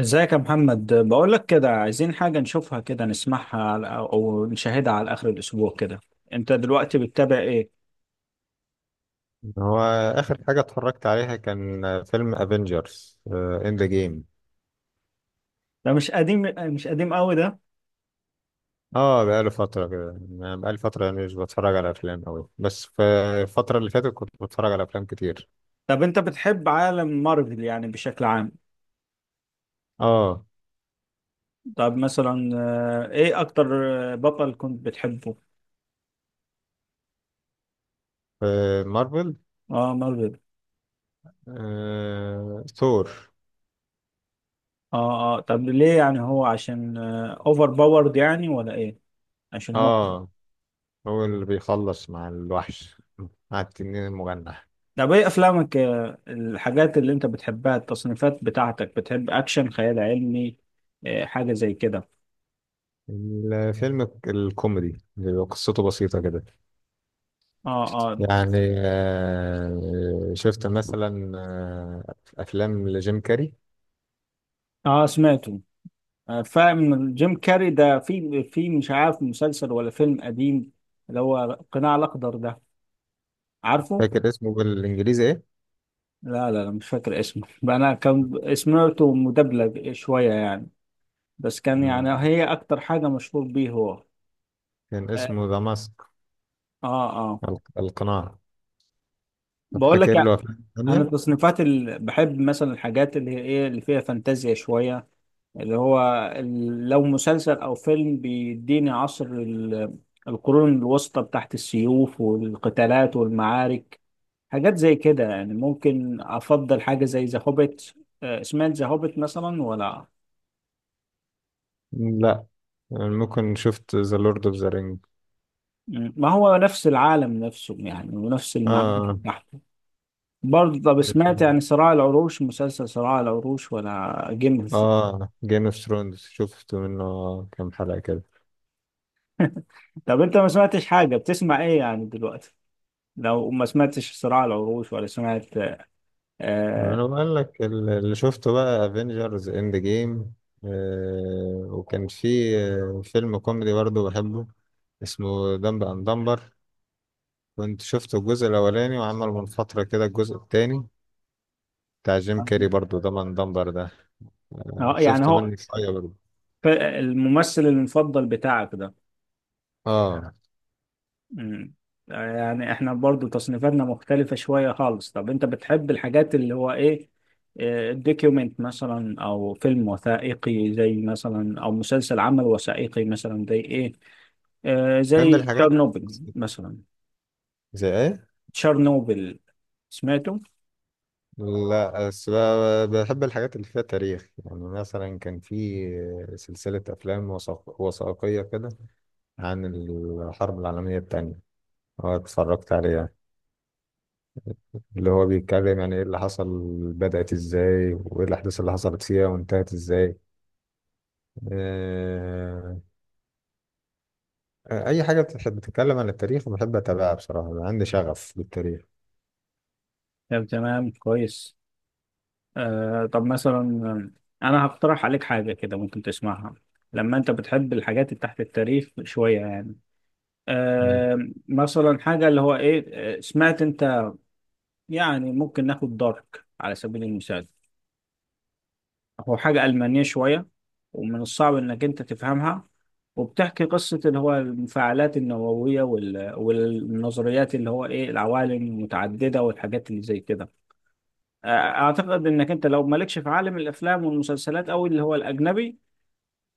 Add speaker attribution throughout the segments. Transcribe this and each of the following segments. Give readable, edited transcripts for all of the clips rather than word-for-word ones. Speaker 1: ازيك يا محمد؟ بقول لك كده، عايزين حاجة نشوفها كده، نسمعها او نشاهدها على آخر الأسبوع كده. انت دلوقتي بتتابع ايه؟
Speaker 2: هو آخر حاجة اتفرجت عليها كان فيلم افنجرز اند ذا جيم.
Speaker 1: ده مش قديم، مش قديم قوي ده.
Speaker 2: اه بقاله فترة كده، يعني بقالي فترة يعني مش بتفرج على أفلام أوي، بس في الفترة اللي فاتت كنت بتفرج على أفلام كتير.
Speaker 1: طب انت بتحب عالم مارفل يعني بشكل عام؟
Speaker 2: اه،
Speaker 1: طب مثلا ايه اكتر بطل كنت بتحبه؟
Speaker 2: في مارفل.
Speaker 1: اه، مارفل.
Speaker 2: ثور.
Speaker 1: اه اه، طب ليه؟ يعني هو عشان اوفر باورد يعني، ولا ايه؟ عشان هو.
Speaker 2: اه، هو اللي بيخلص مع الوحش، مع التنين المجنح.
Speaker 1: طب ايه افلامك؟ الحاجات اللي انت بتحبها، التصنيفات بتاعتك. بتحب اكشن، خيال علمي، حاجة زي كده؟
Speaker 2: الفيلم الكوميدي اللي قصته بسيطة كده،
Speaker 1: اه. اه.
Speaker 2: يعني شفت مثلا أفلام لجيم كاري.
Speaker 1: اه سمعته. فاهم جيم كاري ده، في مش عارف مسلسل ولا فيلم قديم، اللي هو قناع الاخضر ده، عارفه؟
Speaker 2: فاكر اسمه بالانجليزي ايه؟
Speaker 1: لا لا لا، مش فاكر اسمه بقى انا كان سمعته مدبلج شوية يعني، بس كان يعني
Speaker 2: مم.
Speaker 1: هي اكتر حاجة مشهور بيه هو.
Speaker 2: كان
Speaker 1: اه.
Speaker 2: اسمه ذا ماسك،
Speaker 1: اه. آه.
Speaker 2: القناع. طب
Speaker 1: بقول لك،
Speaker 2: فاكر له افلام
Speaker 1: انا
Speaker 2: تانية؟
Speaker 1: التصنيفات اللي بحب، مثلا الحاجات اللي هي ايه، اللي فيها فانتازيا شويه، اللي هو لو مسلسل او فيلم بيديني عصر القرون الوسطى بتاعت السيوف والقتالات والمعارك، حاجات زي كده يعني. ممكن افضل حاجه زي ذا هوبيت. سمعت ذا هوبيت مثلا ولا؟
Speaker 2: لا، يعني ممكن شفت ذا لورد اوف ذا رينج.
Speaker 1: مم. ما هو نفس العالم نفسه يعني، ونفس المعارك
Speaker 2: اه،
Speaker 1: بتاعته. برضه، طب
Speaker 2: ماشي.
Speaker 1: سمعت يعني صراع العروش، مسلسل صراع العروش ولا جيم؟
Speaker 2: اه، جيم اوف ثرونز شفت منه كام حلقة كده.
Speaker 1: طب انت ما سمعتش حاجة؟ بتسمع ايه يعني دلوقتي لو ما سمعتش صراع العروش ولا سمعت؟ آه
Speaker 2: انا بقول لك اللي شفته بقى افنجرز اند جيم. وكان في فيلم كوميدي برضه بحبه، اسمه دمب اند دمبر. كنت شفته الجزء الاولاني، وعمل من فترة كده الجزء التاني بتاع جيم كاري برضو، ده من دمبر ده.
Speaker 1: يعني
Speaker 2: شفت
Speaker 1: هو
Speaker 2: منه شوية برضو.
Speaker 1: الممثل المفضل بتاعك ده؟
Speaker 2: اه،
Speaker 1: مم. يعني احنا برضو تصنيفاتنا مختلفة شوية خالص. طب انت بتحب الحاجات اللي هو ايه، الدوكيومنت مثلا، او فيلم وثائقي زي مثلا، او مسلسل عمل وثائقي مثلا، زي ايه،
Speaker 2: بحب
Speaker 1: زي
Speaker 2: الحاجات.
Speaker 1: تشيرنوبل مثلا؟
Speaker 2: زي ايه؟
Speaker 1: تشيرنوبل، سمعته؟
Speaker 2: لا، بس بحب الحاجات اللي فيها تاريخ. يعني مثلا كان في سلسلة أفلام وثائقية كده عن الحرب العالمية التانية، اه، اتفرجت عليها. اللي هو بيتكلم يعني ايه اللي حصل، بدأت ازاي، وايه الأحداث اللي حصلت فيها، وانتهت ازاي. آه، أي حاجة بتتكلم عن التاريخ بحب أتابعها. بصراحة عندي شغف بالتاريخ.
Speaker 1: طب تمام، كويس. طب مثلا انا هقترح عليك حاجه كده ممكن تسمعها، لما انت بتحب الحاجات اللي تحت التاريخ شويه يعني. آه مثلا حاجه اللي هو ايه، سمعت انت، يعني ممكن ناخد دارك على سبيل المثال. هو حاجه المانيه شويه، ومن الصعب انك انت تفهمها، وبتحكي قصه اللي هو المفاعلات النوويه والنظريات اللي هو ايه، العوالم المتعدده والحاجات اللي زي كده. اعتقد انك انت لو مالكش في عالم الافلام والمسلسلات او اللي هو الاجنبي،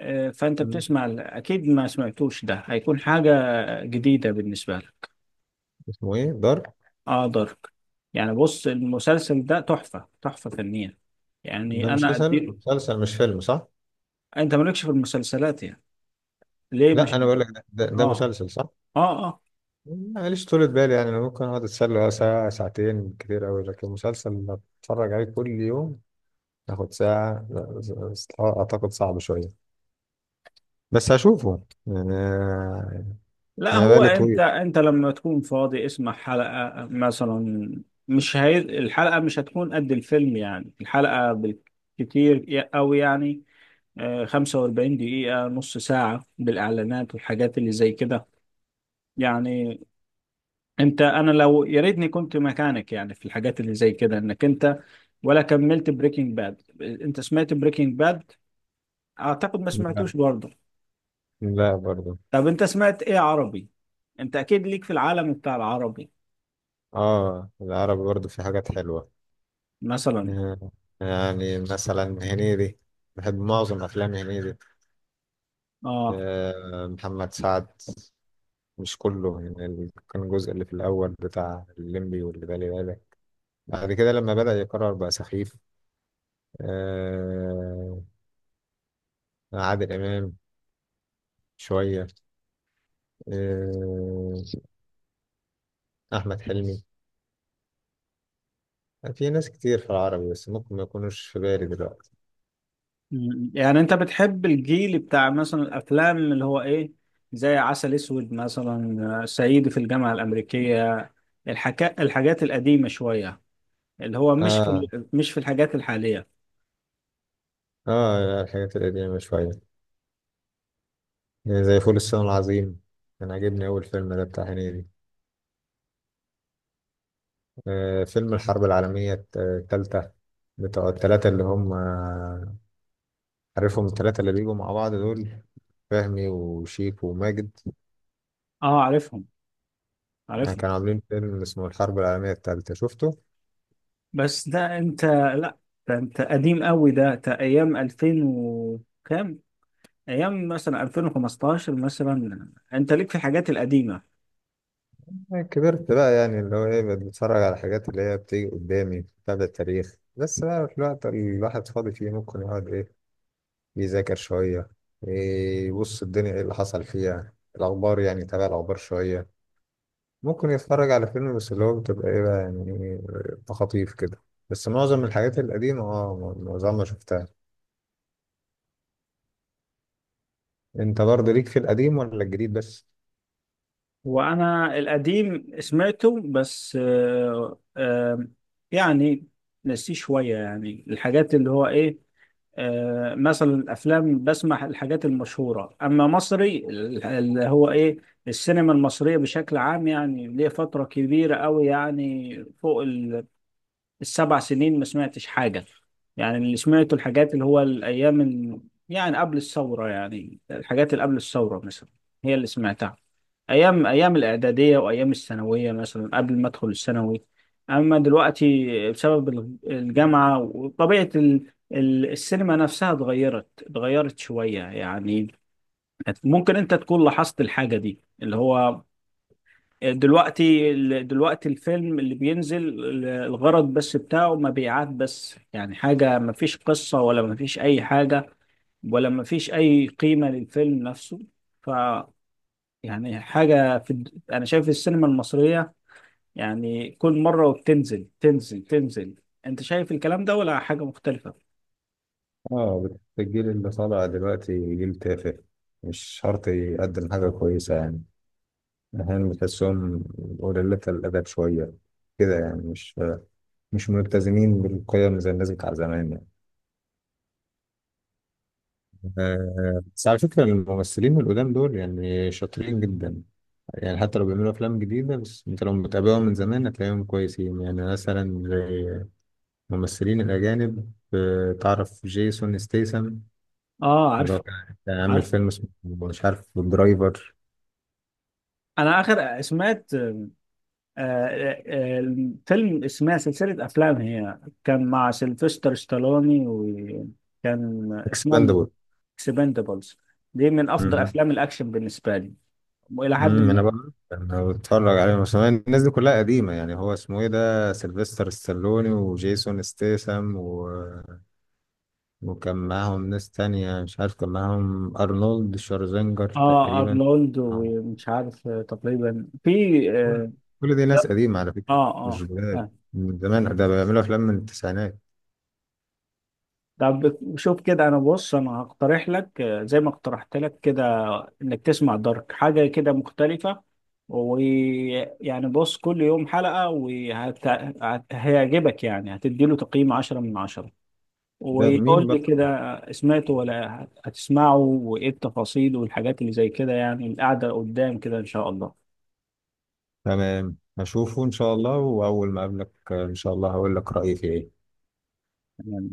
Speaker 1: فانت
Speaker 2: مم.
Speaker 1: بتسمع اكيد ما سمعتوش، ده هيكون حاجة جديدة بالنسبة لك.
Speaker 2: اسمه ايه، دارك؟
Speaker 1: اه، دارك. يعني بص، المسلسل ده تحفة، تحفة فنية. يعني
Speaker 2: ده
Speaker 1: انا
Speaker 2: مسلسل
Speaker 1: اديله.
Speaker 2: مسلسل مش فيلم، صح؟
Speaker 1: انت مالكش في المسلسلات يعني؟ ليه؟
Speaker 2: لا
Speaker 1: مش
Speaker 2: انا بقول لك ده
Speaker 1: اه.
Speaker 2: مسلسل، صح.
Speaker 1: اه اه.
Speaker 2: ماليش طولة بالي يعني، انا ممكن اقعد اتسلى ساعة ساعتين كتير قوي، لكن مسلسل اتفرج عليه كل يوم تاخد ساعة، لا، اعتقد صعب شوية. بس هشوفه يعني.
Speaker 1: لا
Speaker 2: انا
Speaker 1: هو
Speaker 2: بالي
Speaker 1: انت،
Speaker 2: طويل.
Speaker 1: انت لما تكون فاضي اسمع حلقة مثلا. مش هي... الحلقة مش هتكون قد الفيلم يعني، الحلقة بالكتير او يعني 45 دقيقة، نص ساعة بالإعلانات والحاجات اللي زي كده يعني. انت، انا لو يا ريتني كنت مكانك يعني في الحاجات اللي زي كده، انك انت ولا كملت بريكنج باد. انت سمعت بريكنج باد؟ اعتقد ما
Speaker 2: لا،
Speaker 1: سمعتوش برضه.
Speaker 2: لا، برضه.
Speaker 1: طب انت سمعت ايه عربي؟ انت اكيد ليك في العالم بتاع العربي.
Speaker 2: اه، العربي برضه في حاجات حلوة.
Speaker 1: مثلا؟
Speaker 2: آه، يعني مثلا هنيدي، بحب معظم افلام هنيدي.
Speaker 1: اه.
Speaker 2: محمد سعد، مش كله يعني، كان الجزء اللي في الأول بتاع الليمبي واللي بالي بالك، بعد كده لما بدأ يكرر بقى سخيف. آه عادل إمام شوية. آه أحمد حلمي. في ناس كتير في العربي بس ممكن ما يكونوش في بالي دلوقتي.
Speaker 1: يعني انت بتحب الجيل بتاع مثلا الافلام اللي هو ايه، زي عسل اسود مثلا، صعيدي في الجامعة الامريكية، الحاجات القديمة شوية، اللي هو مش في
Speaker 2: آه
Speaker 1: مش في الحاجات الحالية؟
Speaker 2: الحاجات القديمة شوية، يعني زي فول الصين العظيم، كان عاجبني أول فيلم ده بتاع هنيدي. فيلم الحرب العالمية التالتة، بتوع التلاتة اللي هم، عارفهم التلاتة اللي بيجوا مع بعض دول، فهمي وشيك وماجد.
Speaker 1: اه، عارفهم،
Speaker 2: يعني
Speaker 1: عارفه.
Speaker 2: كانوا عاملين فيلم اسمه الحرب العالمية التالتة، شفته؟
Speaker 1: بس ده انت، لا، ده انت قديم قوي ده ايام 2000 وكام. ايام مثلا 2015 مثلا انت ليك في الحاجات القديمه.
Speaker 2: أنا كبرت بقى، يعني اللي هو إيه، بقيت بتفرج على حاجات اللي هي بتيجي قدامي بتاع التاريخ بس بقى. في الوقت اللي الواحد فاضي فيه ممكن يقعد إيه، يذاكر شوية، إيه، يبص الدنيا إيه اللي حصل فيها، الأخبار يعني، تابع الأخبار شوية، ممكن يتفرج على فيلم، بس اللي هو بتبقى إيه بقى يعني، تخاطيف كده. بس معظم الحاجات القديمة معظمها شفتها. أنت برضه ليك في القديم ولا الجديد بس؟
Speaker 1: وانا القديم سمعته، بس يعني نسيه شويه يعني. الحاجات اللي هو ايه، مثلا الافلام، بسمع الحاجات المشهوره. اما مصري اللي هو ايه، السينما المصريه بشكل عام، يعني ليه فتره كبيره قوي يعني، فوق السبع سنين ما سمعتش حاجة. يعني اللي سمعته الحاجات اللي هو الأيام يعني قبل الثورة، يعني الحاجات اللي قبل الثورة مثلا، هي اللي سمعتها، أيام، أيام الإعدادية وأيام الثانوية مثلا قبل ما أدخل الثانوي. أما دلوقتي، بسبب الجامعة وطبيعة السينما نفسها، اتغيرت شوية يعني. ممكن أنت تكون لاحظت الحاجة دي، اللي هو دلوقتي، دلوقتي الفيلم اللي بينزل الغرض بس بتاعه مبيعات بس يعني، حاجة مفيش قصة، ولا مفيش أي حاجة، ولا مفيش أي قيمة للفيلم نفسه. ف يعني حاجة أنا شايف السينما المصرية يعني كل مرة وبتنزل، تنزل، تنزل. أنت شايف الكلام ده، ولا حاجة مختلفة؟
Speaker 2: اه، الجيل اللي طالع دلوقتي جيل تافه، مش شرط يقدم حاجة كويسة يعني. أحيانا بتحسهم قليلة الأدب شوية كده يعني، مش ملتزمين بالقيم زي الناس بتاع زمان يعني. بس على فكرة الممثلين القدام دول يعني شاطرين جدا، يعني حتى لو بيعملوا أفلام جديدة بس أنت لو متابعهم من زمان هتلاقيهم كويسين. يعني مثلا زي الممثلين الأجانب، تعرف جيسون ستيسم؟
Speaker 1: اه
Speaker 2: اللي هو
Speaker 1: عارفه،
Speaker 2: كان عامل
Speaker 1: عارفه.
Speaker 2: فيلم اسمه مش عارف درايفر،
Speaker 1: أنا آخر سمعت الفيلم اسمها سلسلة أفلام هي، كان مع سيلفستر ستالوني، وكان اسمها
Speaker 2: اكسباندبل.
Speaker 1: اكسبندبلز. دي من أفضل
Speaker 2: امم
Speaker 1: أفلام الأكشن بالنسبة لي، وإلى حد ما
Speaker 2: انا بقى انا بتفرج عليه. بس أنا الناس دي كلها قديمه، يعني هو اسمه ايه، ده سيلفستر ستالوني وجيسون ستيسم و... وكان معاهم ناس تانية، مش عارف، كان معاهم ارنولد شوارزنجر تقريبا.
Speaker 1: أرنولد
Speaker 2: آه.
Speaker 1: ومش عارف تقريبا في.
Speaker 2: كل
Speaker 1: آه
Speaker 2: كل دي ناس قديمه على
Speaker 1: آه
Speaker 2: فكره، مش
Speaker 1: آه
Speaker 2: جداد.
Speaker 1: آه.
Speaker 2: من زمان ده، بيعملوا افلام من التسعينات.
Speaker 1: طب شوف كده، أنا بص أنا هقترح لك زي ما اقترحت لك كده، انك تسمع دارك، حاجة كده مختلفة. ويعني بص، كل يوم حلقة وهيعجبك يعني، هتديله تقييم 10 من 10،
Speaker 2: ده مين
Speaker 1: ويقول لي
Speaker 2: بقى؟
Speaker 1: كده سمعته ولا هتسمعه، وايه التفاصيل والحاجات اللي زي كده يعني، القعدة قدام كده ان شاء الله.
Speaker 2: تمام، هشوفه ان شاء الله، واول ما اقابلك ان شاء الله هقول لك رايي فيه ايه.
Speaker 1: تمام.